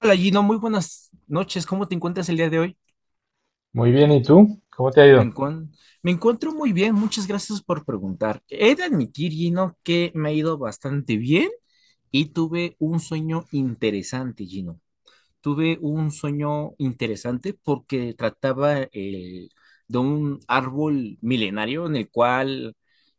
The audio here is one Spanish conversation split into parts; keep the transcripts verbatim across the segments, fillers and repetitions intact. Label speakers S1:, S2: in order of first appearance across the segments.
S1: Hola Gino, muy buenas noches. ¿Cómo te encuentras el día de hoy?
S2: Muy bien, ¿y tú? ¿Cómo te ha
S1: Me
S2: ido?
S1: encuentro, me encuentro muy bien, muchas gracias por preguntar. He de admitir, Gino, que me ha ido bastante bien y tuve un sueño interesante, Gino. Tuve un sueño interesante porque trataba eh, de un árbol milenario en el cual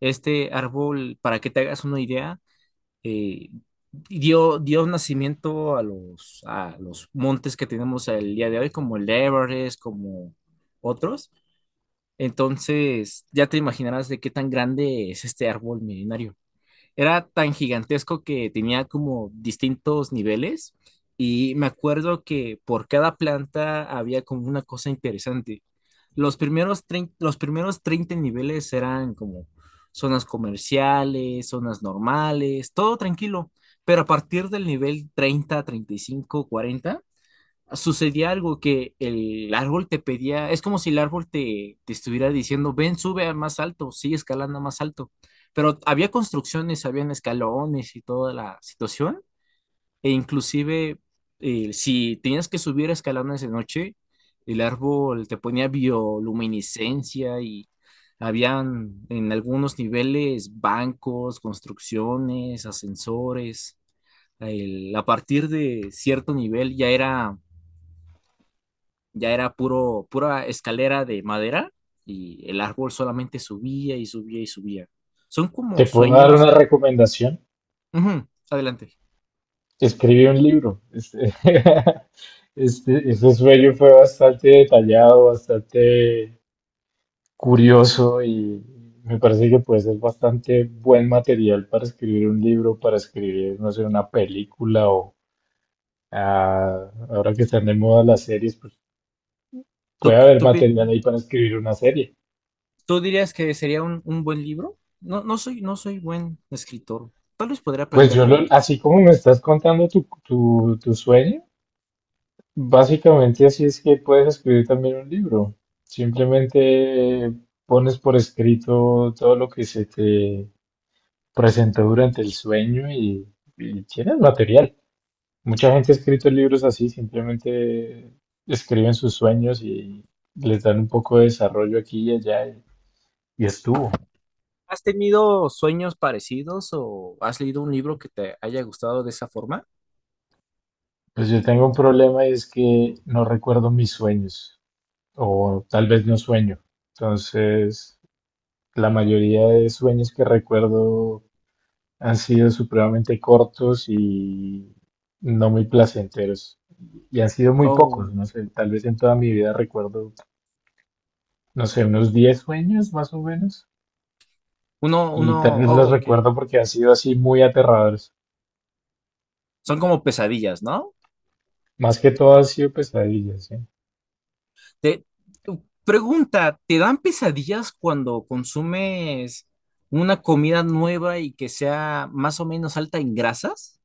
S1: este árbol, para que te hagas una idea, eh, dio, dio nacimiento a los, a los montes que tenemos el día de hoy, como el Everest, como otros. Entonces, ya te imaginarás de qué tan grande es este árbol milenario. Era tan gigantesco que tenía como distintos niveles, y me acuerdo que por cada planta había como una cosa interesante. Los primeros, trein- los primeros treinta niveles eran como zonas comerciales, zonas normales, todo tranquilo, pero a partir del nivel treinta, treinta y cinco, cuarenta, sucedía algo que el árbol te pedía. Es como si el árbol te, te estuviera diciendo: ven, sube a más alto, sigue escalando más alto. Pero había construcciones, habían escalones y toda la situación, e inclusive eh, si tenías que subir escalones de noche, el árbol te ponía bioluminiscencia y habían en algunos niveles bancos, construcciones, ascensores. El- a partir de cierto nivel ya era ya era puro, pura escalera de madera, y el árbol solamente subía y subía y subía. Son
S2: Te
S1: como
S2: puedo dar
S1: sueños.
S2: una recomendación.
S1: Ujú, adelante.
S2: Escribí un libro. Este, este, ese sueño fue bastante detallado, bastante curioso y me parece que puede ser bastante buen material para escribir un libro, para escribir, no sé, una película o ah, ahora que están de moda las series, pues
S1: ¿Tú,
S2: puede haber
S1: tú pi-
S2: material ahí para escribir una serie.
S1: tú dirías que sería un, un buen libro? No, no soy, no soy buen escritor. Tal vez podré
S2: Pues
S1: aprender
S2: yo lo,
S1: luego.
S2: así como me estás contando tu, tu, tu sueño. Básicamente así es que puedes escribir también un libro. Simplemente pones por escrito todo lo que se te presentó durante el sueño y, y tienes material. Mucha gente ha escrito libros así, simplemente escriben sus sueños y les dan un poco de desarrollo aquí y allá y, y estuvo.
S1: ¿Has tenido sueños parecidos o has leído un libro que te haya gustado de esa forma?
S2: Pues yo tengo un problema y es que no recuerdo mis sueños o tal vez no sueño. Entonces, la mayoría de sueños que recuerdo han sido supremamente cortos y no muy placenteros. Y han sido muy
S1: O
S2: pocos, no sé, tal vez en toda mi vida recuerdo, no sé, unos diez sueños más o menos.
S1: uno,
S2: Y tal
S1: uno,
S2: vez
S1: oh,
S2: los
S1: ok.
S2: recuerdo porque han sido así muy aterradores.
S1: Son como pesadillas, ¿no?
S2: Más que todo han sido pesadillas, ¿sí?
S1: Te, Pregunta: ¿te dan pesadillas cuando consumes una comida nueva y que sea más o menos alta en grasas?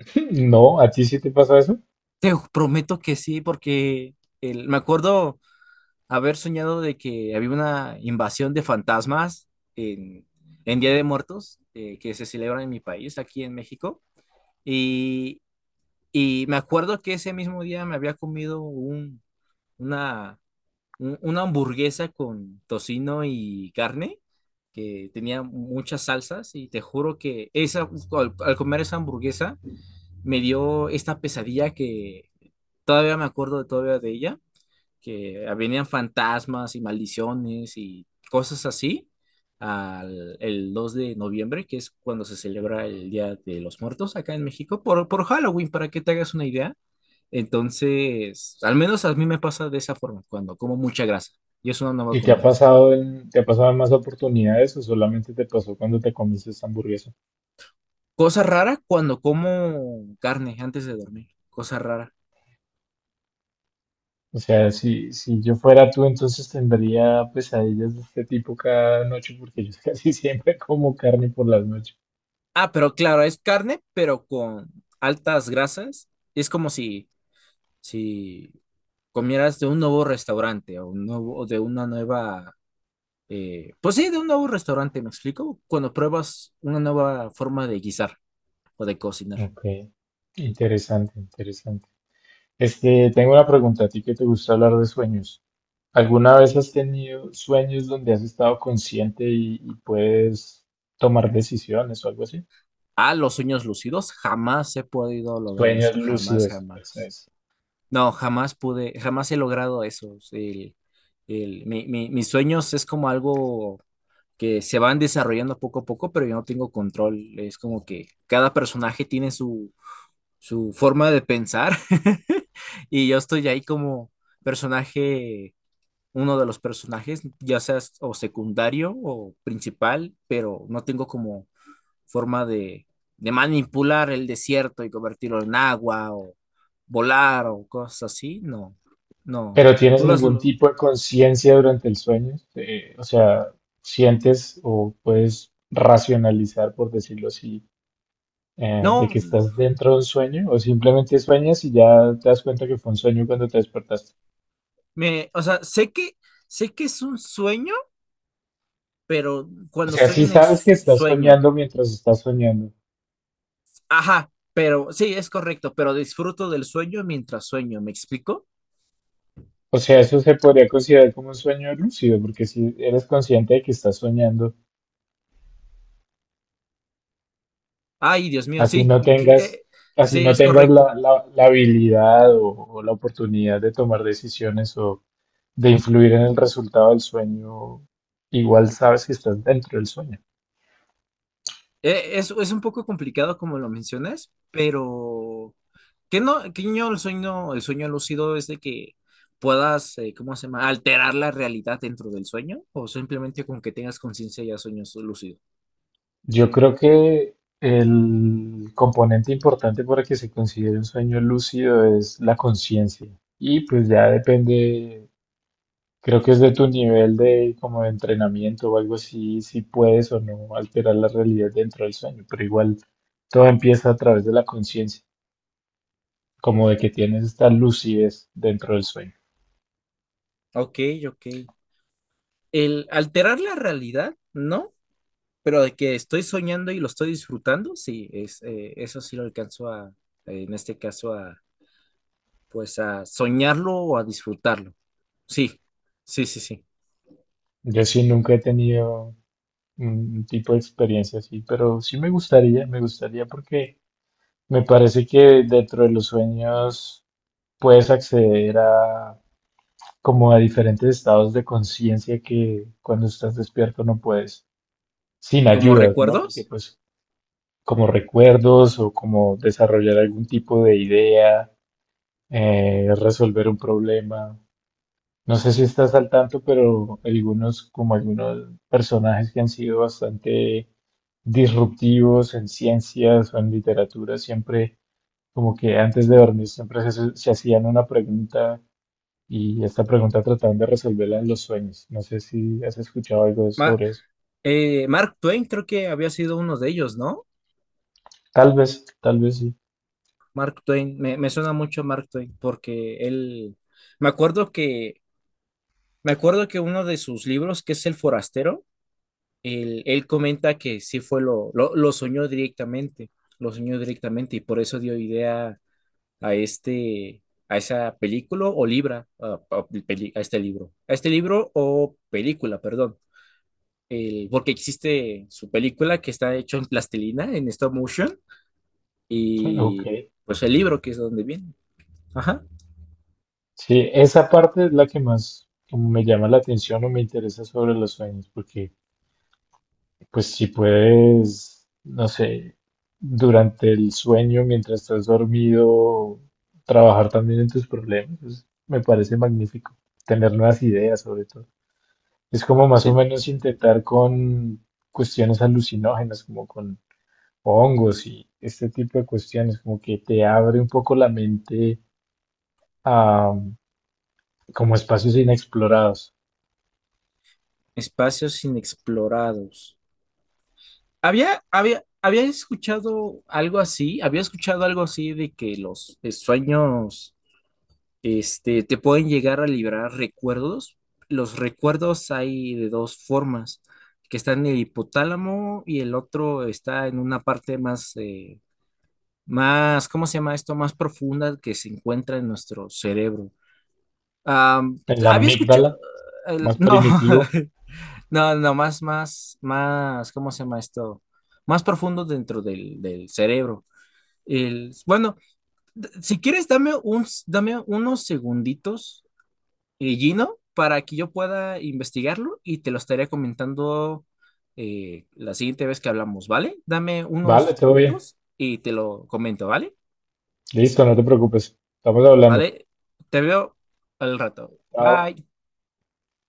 S2: No, ¿a ti sí te pasa eso?
S1: Te prometo que sí, porque el- me acuerdo haber soñado de que había una invasión de fantasmas en, en Día de Muertos, eh, que se celebra en mi país, aquí en México, y, y me acuerdo que ese mismo día me había comido un, una un- una hamburguesa con tocino y carne que tenía muchas salsas, y te juro que esa, al, al comer esa hamburguesa me dio esta pesadilla que todavía me acuerdo de, todavía de ella, que venían fantasmas y maldiciones y cosas así al, el dos de noviembre, que es cuando se celebra el Día de los Muertos acá en México, por, por Halloween, para que te hagas una idea. Entonces, al menos a mí me pasa de esa forma cuando como mucha grasa y es una nueva
S2: ¿Y te ha
S1: comida.
S2: pasado en, te ha pasado en más oportunidades o solamente te pasó cuando te comiste esta hamburguesa?
S1: Cosa rara cuando como carne antes de dormir. Cosa rara.
S2: O sea, si, si yo fuera tú, entonces tendría pesadillas de este tipo cada noche, porque yo casi siempre como carne por las noches.
S1: Ah, pero claro, es carne, pero con altas grasas. Es como si, si comieras de un nuevo restaurante, o un nuevo, o de una nueva, eh, pues sí, de un nuevo restaurante, ¿me explico? Cuando pruebas una nueva forma de guisar o de cocinar.
S2: Ok, interesante, interesante. Este, tengo una pregunta a ti que te gusta hablar de sueños. ¿Alguna vez has tenido sueños donde has estado consciente y, y puedes tomar decisiones o algo así?
S1: Ah, los sueños lúcidos, jamás he podido lograr
S2: Sueños
S1: eso, jamás,
S2: lúcidos, eso
S1: jamás.
S2: es.
S1: No, jamás pude, jamás he logrado eso. El, el- mi- mi- mis sueños es como algo que se van desarrollando poco a poco, pero yo no tengo control. Es como que cada personaje tiene su, su forma de pensar y yo estoy ahí como personaje, uno de los personajes, ya sea o secundario o principal, pero no tengo como forma de, de manipular el desierto y convertirlo en agua o volar o cosas así, no, no.
S2: Pero ¿tienes
S1: Tú las
S2: algún
S1: lo-
S2: tipo de conciencia durante el sueño? Eh, o sea, ¿sientes o puedes racionalizar, por decirlo así, eh, de
S1: no,
S2: que estás dentro de un sueño? ¿O simplemente sueñas y ya te das cuenta que fue un sueño cuando te despertaste?
S1: me, o sea, sé que sé que es un sueño, pero
S2: O
S1: cuando
S2: sea,
S1: estoy
S2: sí
S1: en el
S2: sabes que
S1: su-
S2: estás
S1: sueño,
S2: soñando mientras estás soñando.
S1: ajá, pero sí, es correcto, pero disfruto del sueño mientras sueño, ¿me explico?
S2: O sea, eso se podría considerar como un sueño lúcido, porque si eres consciente de que estás soñando,
S1: Ay, Dios mío,
S2: así
S1: sí,
S2: no
S1: que- eh,
S2: tengas, así
S1: sí,
S2: no
S1: es
S2: tengas
S1: correcto.
S2: la, la- la habilidad o o la oportunidad de tomar decisiones o de influir en el resultado del sueño, igual sabes que estás dentro del sueño.
S1: Eh, Es, es un poco complicado como lo mencionas, pero que no, que yo el sueño, el sueño lúcido es de que puedas, eh, ¿cómo se llama? Alterar la realidad dentro del sueño, o simplemente con que tengas conciencia ya sueños lúcido.
S2: Yo creo que el componente importante para que se considere un sueño lúcido es la conciencia. Y pues ya depende, creo que es de tu nivel de como de entrenamiento o algo así, si puedes o no alterar la realidad dentro del sueño, pero igual todo empieza a través de la conciencia, como de que tienes esta lucidez dentro del sueño.
S1: Ok, ok. El alterar la realidad, no, pero de que estoy soñando y lo estoy disfrutando, sí, es, eh, eso sí lo alcanzo a, eh, en este caso, a, pues a soñarlo o a disfrutarlo. Sí, sí, sí, sí.
S2: Yo sí nunca he tenido un tipo de experiencia así, pero sí me gustaría, me gustaría porque me parece que dentro de los sueños puedes acceder a como a diferentes estados de conciencia que cuando estás despierto no puedes, sin
S1: ¿Como
S2: ayudas, ¿no? Porque
S1: recuerdos?
S2: pues como recuerdos o como desarrollar algún tipo de idea, eh, resolver un problema. No sé si estás al tanto, pero algunos, como algunos personajes que han sido bastante disruptivos en ciencias o en literatura, siempre como que antes de dormir siempre se, se hacían una pregunta y esta pregunta trataban de resolverla en los sueños. No sé si has escuchado algo
S1: Ma-
S2: sobre eso.
S1: Eh, Mark Twain creo que había sido uno de ellos, ¿no?
S2: Tal vez, tal vez sí.
S1: Mark Twain, me, me suena mucho Mark Twain porque él, me acuerdo que, me acuerdo que uno de sus libros, que es El Forastero, él, él comenta que sí fue lo, lo, lo soñó directamente, lo soñó directamente, y por eso dio idea a este, a esa película o libra, a, a- peli- a este libro, a este libro o película, perdón. El- porque existe su película que está hecho en plastilina, en stop motion, y
S2: Ok.
S1: pues el libro que es donde viene. Ajá.
S2: Sí, esa parte es la que más como me llama la atención o me interesa sobre los sueños, porque pues si puedes, no sé, durante el sueño, mientras estás dormido, trabajar también en tus problemas, pues, me parece magnífico. Tener nuevas ideas, sobre todo. Es como más o
S1: Te-
S2: menos intentar con cuestiones alucinógenas, como con hongos y este tipo de cuestiones, como que te abre un poco la mente a como espacios inexplorados.
S1: Espacios inexplorados. Había, había, había escuchado algo así, había escuchado algo así de que los eh, sueños, este, te pueden llegar a liberar recuerdos. Los recuerdos hay de dos formas, que está en el hipotálamo y el otro está en una parte más, eh, más, ¿cómo se llama esto? Más profunda que se encuentra en nuestro cerebro. Am,
S2: En la
S1: había escuchado,
S2: amígdala,
S1: el-
S2: más
S1: no,
S2: primitivo.
S1: no, no, más, más, más, ¿cómo se llama esto? Más profundo dentro del, del cerebro. El, bueno, d- si quieres, dame un, s- dame unos segunditos, eh, Gino, para que yo pueda investigarlo y te lo estaré comentando eh, la siguiente vez que hablamos, ¿vale? Dame unos
S2: Vale, todo bien.
S1: minutos y te lo comento, ¿vale?
S2: Listo, no te preocupes. Estamos hablando.
S1: ¿Vale? Te veo al rato.
S2: Chao.
S1: Bye.